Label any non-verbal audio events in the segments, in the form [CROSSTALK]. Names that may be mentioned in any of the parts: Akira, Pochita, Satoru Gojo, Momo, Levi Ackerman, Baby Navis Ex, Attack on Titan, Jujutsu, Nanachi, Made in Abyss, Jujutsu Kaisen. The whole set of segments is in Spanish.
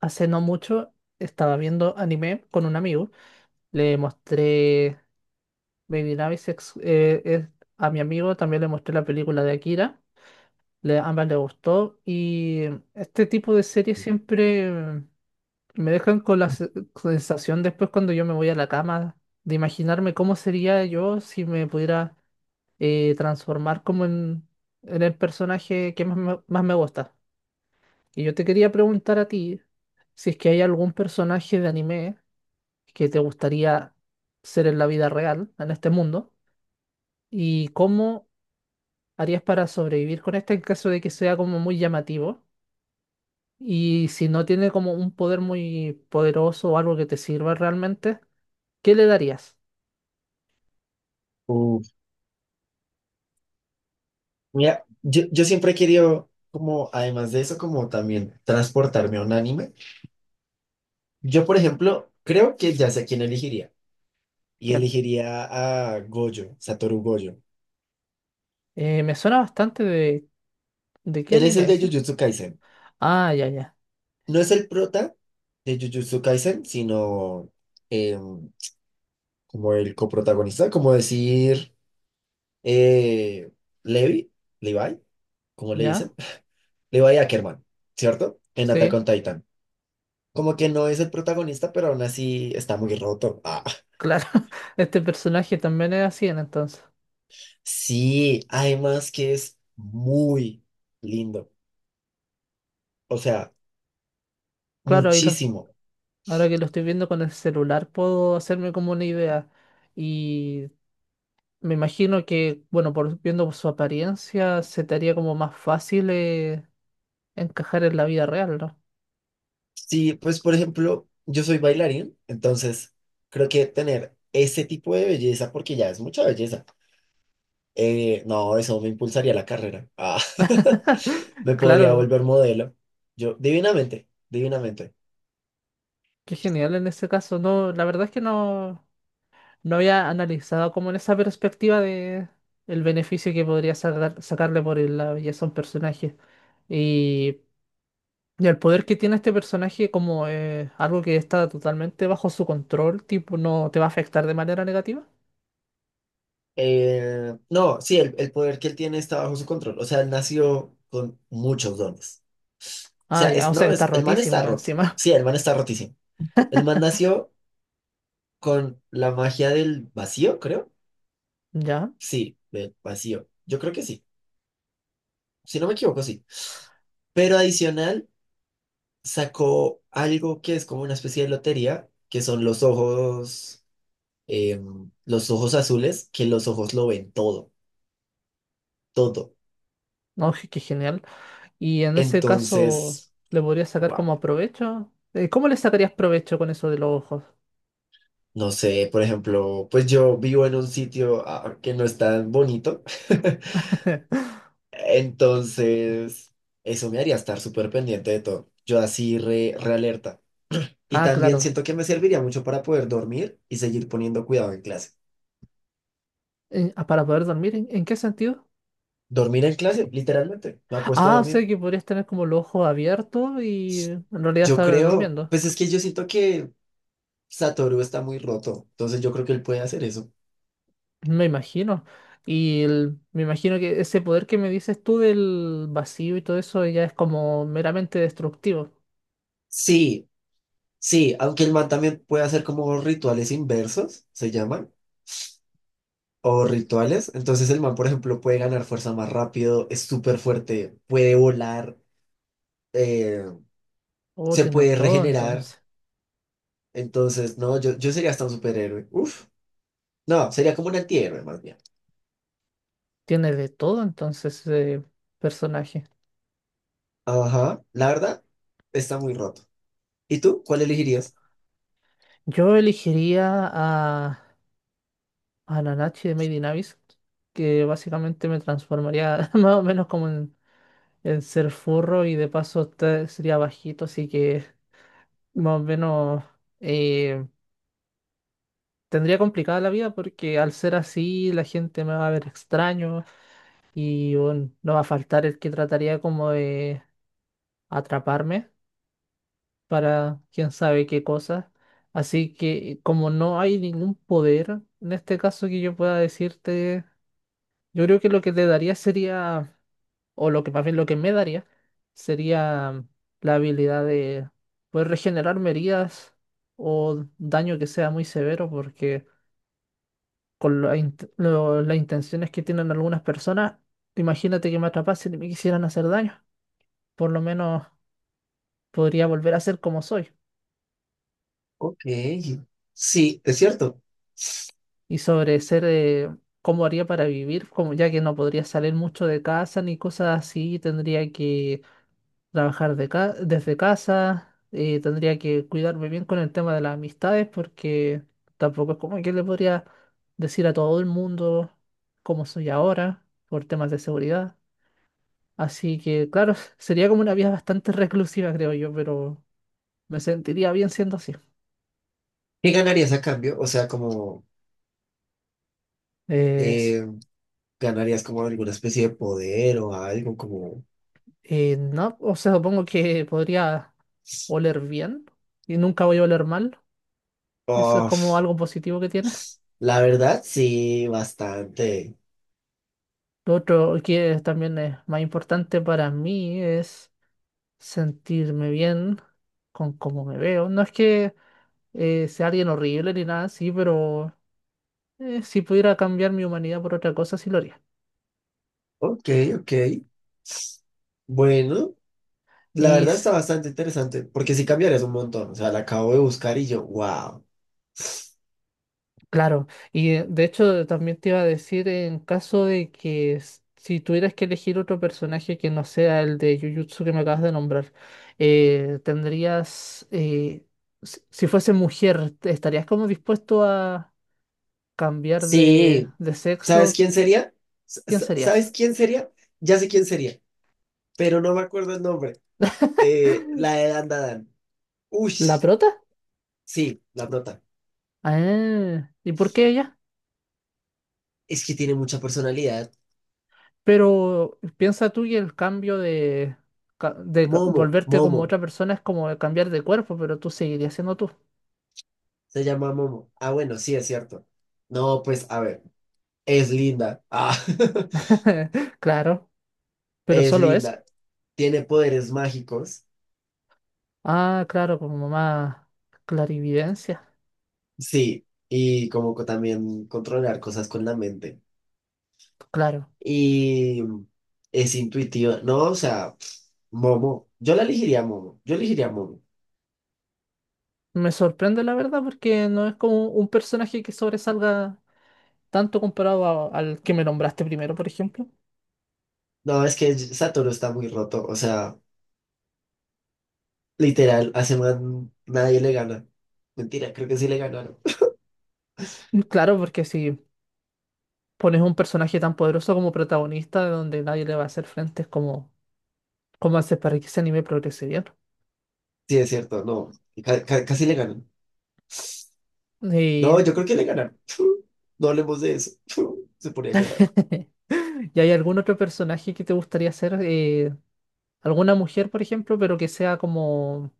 Hace no mucho estaba viendo anime con un amigo. Le mostré Baby Navis Ex- a mi amigo. También le mostré la película de Akira. Ambas le gustó. Y este tipo de series siempre me dejan con la se- sensación después cuando yo me voy a la cama de imaginarme cómo sería yo si me pudiera transformar en el personaje que más me gusta. Y yo te quería preguntar a ti si es que hay algún personaje de anime que te gustaría ser en la vida real, en este mundo, y cómo harías para sobrevivir con este en caso de que sea como muy llamativo. Y si no tiene como un poder muy poderoso o algo que te sirva realmente, ¿qué le darías? Uf, mira, yo siempre he querido, como, además de eso, como también transportarme a un anime. Yo, por ejemplo, creo que ya sé quién elegiría. Y ¿Quién? elegiría a Gojo, Satoru Gojo. Me suena bastante ¿de qué Él es anime el de es? ¿Ese? Jujutsu Kaisen. Ah, ya, ya, No es el prota de Jujutsu Kaisen, sino em, como el coprotagonista, como decir eh, Levi, Levi, como le ya, dicen? [LAUGHS] Levi Ackerman, ¿cierto? En Attack sí, on Titan. Como que no es el protagonista, pero aún así está muy roto. Ah, claro. [LAUGHS] Este personaje también es así, en entonces. sí, además que es muy lindo. O sea, Claro, ahí los, muchísimo. ahora que lo estoy viendo con el celular puedo hacerme como una idea. Y me imagino que, bueno, por, viendo por su apariencia, se te haría como más fácil encajar en la vida real, ¿no? Sí, pues por ejemplo, yo soy bailarín, entonces creo que tener ese tipo de belleza, porque ya es mucha belleza, no, eso me impulsaría la carrera. Ah, [LAUGHS] [LAUGHS] me podría Claro, volver modelo. Yo, divinamente, divinamente. qué genial en ese caso. No, la verdad es que no, no había analizado como en esa perspectiva de el beneficio que podría sacar- sacarle por el- la belleza a un personaje. Y, y el poder que tiene este personaje como algo que está totalmente bajo su control, tipo, no te va a afectar de manera negativa. No, sí, el poder que él tiene está bajo su control. O sea, él nació con muchos dones. Ah, Sea, ya, es, o sea no, que está es, el man rotísimo está más roto. encima. Sí, el man está rotísimo. El man nació con la magia del vacío, creo. [LAUGHS] Ya. Sí, del vacío. Yo creo que sí. Si no me equivoco, sí. Pero adicional, sacó algo que es como una especie de lotería, que son los ojos, los ojos azules, que los ojos lo ven todo, todo. No, je- qué genial. Y en ese caso, Entonces, ¿le podrías sacar wow, como provecho? ¿Cómo le sacarías provecho con eso de los ojos? no sé, por ejemplo, pues yo vivo en un sitio que no es tan bonito. [LAUGHS] [LAUGHS] Entonces, eso me haría estar súper pendiente de todo. Yo así re, re alerta. Y Ah, también claro. siento que me serviría mucho para poder dormir y seguir poniendo cuidado en clase. En- ah, para poder dormir, en qué sentido? Dormir en clase, literalmente. Me acuesto a Ah, o dormir. sea que podrías tener como los ojos abiertos y en realidad Yo estar creo, durmiendo. pues es que yo siento que Satoru está muy roto. Entonces yo creo que él puede hacer eso. Me imagino. Y el- me imagino que ese poder que me dices tú del vacío y todo eso ya es como meramente destructivo. Sí, sí, aunque el man también puede hacer como rituales inversos, se llaman, o rituales. Entonces el man, por ejemplo, puede ganar fuerza más rápido, es súper fuerte, puede volar. eh, Oh, Se tiene puede todo regenerar. entonces. Entonces, no, yo sería hasta un superhéroe. Uf, no, sería como un antihéroe más bien. Tiene de todo entonces ese personaje. Ajá, la verdad, está muy roto. ¿Y tú? ¿Cuál elegirías? Yo elegiría a Nanachi de Made in Abyss, que básicamente me transformaría [LAUGHS] más o menos en ser furro y de paso te- sería bajito, así que más o menos eh, tendría complicada la vida porque al ser así la gente me va a ver extraño y bueno, no va a faltar el que trataría como de atraparme para quién sabe qué cosa. Así que como no hay ningún poder, en este caso que yo pueda decirte yo creo que lo que te daría sería, o lo que más bien lo que me daría, sería la habilidad de poder regenerarme heridas o daño que sea muy severo, porque con la int- lo- las intenciones que tienen algunas personas, imagínate que me atrapasen y me quisieran hacer daño. Por lo menos podría volver a ser como soy. Ok, sí, es cierto. Y sobre ser, cómo haría para vivir, como ya que no podría salir mucho de casa ni cosas así, tendría que trabajar de ca- desde casa, tendría que cuidarme bien con el tema de las amistades porque tampoco es como que le podría decir a todo el mundo cómo soy ahora por temas de seguridad. Así que, claro, [LAUGHS] sería como una vida bastante reclusiva, creo yo, pero me sentiría bien siendo así. ¿Qué ganarías a cambio? O sea, como Es, eh, ¿ganarías como alguna especie de poder o algo como...? No, o sea, supongo que podría oler bien y nunca voy a oler mal. Eso es como Uf, algo positivo que tiene. la verdad, sí, bastante. Lo otro que también es más importante para mí es sentirme bien con cómo me veo. No es que sea alguien horrible ni nada así, pero si pudiera cambiar mi humanidad por otra cosa, sí lo haría. Ok, ok. Bueno, la Y verdad s- está bastante interesante porque sí cambiarías un montón. O sea, la acabo de buscar y yo, wow. claro, y de hecho también te iba a decir en caso de que s- si tuvieras que elegir otro personaje que no sea el de Jujutsu que me acabas de nombrar, eh, tendrías... eh, si fuese mujer, ¿estarías como dispuesto a cambiar Sí, de ¿sabes sexo, quién sería? ¿Quién ¿Sabes serías? quién sería? Ya sé quién sería, pero no me acuerdo el nombre. [LAUGHS] La de Dan Dan. Uy, ¿La prota? sí, la nota. Ah, ¿y por qué ella? Es que tiene mucha personalidad. Pero piensa tú que el cambio de ca- Momo, volverte Momo, como otra persona es como cambiar de cuerpo, pero tú seguirías siendo tú. se llama Momo. Ah, bueno, sí, es cierto. No, pues, a ver, es linda. Ah, [LAUGHS] [LAUGHS] Claro, pero es solo eso. linda. Tiene poderes mágicos. Ah, claro, como más clarividencia. Sí, y como también controlar cosas con la mente. Claro. Y es intuitiva. No, o sea, Momo. Yo la elegiría Momo. Yo elegiría Momo. Me sorprende la verdad porque no es como un personaje que sobresalga tanto comparado a- al que me nombraste primero, por ejemplo. No, es que Satoru está muy roto. O sea, literal, hace más nadie le gana. Mentira, creo que sí le ganaron. [LAUGHS] Claro, porque si pones un personaje tan poderoso como protagonista donde nadie le va a hacer frente, es como, ¿cómo haces para que ese anime progrese bien? Sí, es cierto, no. Casi le ganan. No, Y, yo [LAUGHS] creo que le ganan. [LAUGHS] No hablemos de eso. [LAUGHS] Se ponía a llorar. ¿y hay algún otro personaje que te gustaría hacer? ¿Alguna mujer, por ejemplo, pero que sea como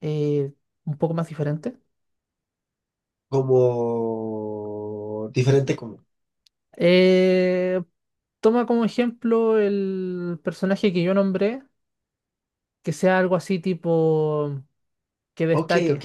eh, un poco más diferente? ¿Como diferente como. Eh, toma como ejemplo el personaje que yo nombré, que sea algo así tipo que Ok, destaque. ok.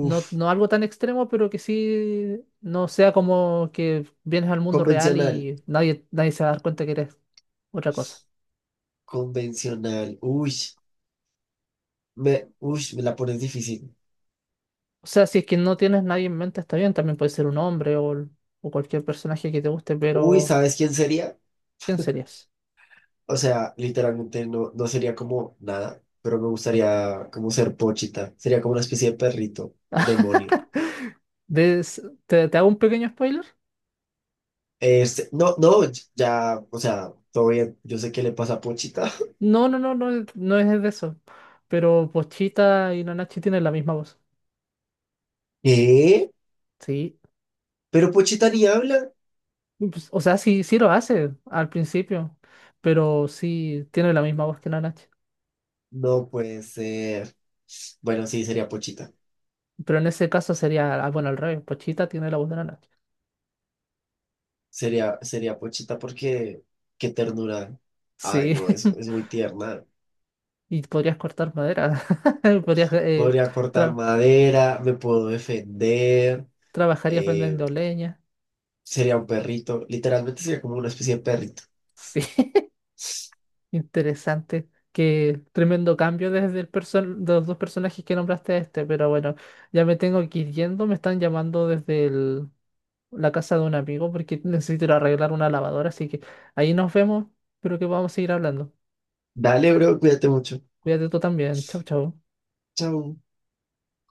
No, no algo tan extremo, pero que sí no sea como que vienes al mundo real convencional. y nadie, nadie se va a dar cuenta que eres otra cosa. Convencional. Uy, me la pones difícil. O sea, si es que no tienes nadie en mente, está bien, también puede ser un hombre o cualquier personaje que te guste, Uy, pero ¿sabes quién sería? ¿quién serías? O sea, literalmente no sería como nada, pero me gustaría como ser Pochita. Sería como una especie de perrito, demonio. [LAUGHS] Des- ¿te, te hago un pequeño spoiler? Este, no, no, ya, o sea, todo bien. Yo sé qué le pasa a Pochita. No, no, no, no, es- no es de eso. Pero Pochita y Nanachi tienen la misma voz. [LAUGHS] ¿Qué? Sí. ¿Pero Pochita ni habla? Pues, o sea, sí, sí lo hace al principio, pero sí tiene la misma voz que Nanachi. No puede ser. Bueno, sí, sería Pochita. Pero en ese caso sería, ah, bueno, al revés, Pochita tiene la voz de Nana. Sería Pochita porque qué ternura. Ay, Sí, no, es [LAUGHS] muy tierna. y podrías cortar madera, [LAUGHS] podrías, Podría cortar tra- madera, me puedo defender. trabajarías eh, vendiendo leña. Sería un perrito. Literalmente sería como una especie de perrito. Sí, [LAUGHS] interesante. Qué tremendo cambio desde el person de los dos personajes que nombraste a este, pero bueno, ya me tengo que ir yendo, me están llamando desde el- la casa de un amigo porque necesito ir a arreglar una lavadora, así que ahí nos vemos, espero que podamos seguir hablando. Dale, bro, cuídate mucho. Cuídate tú también, chau, chau. Chao.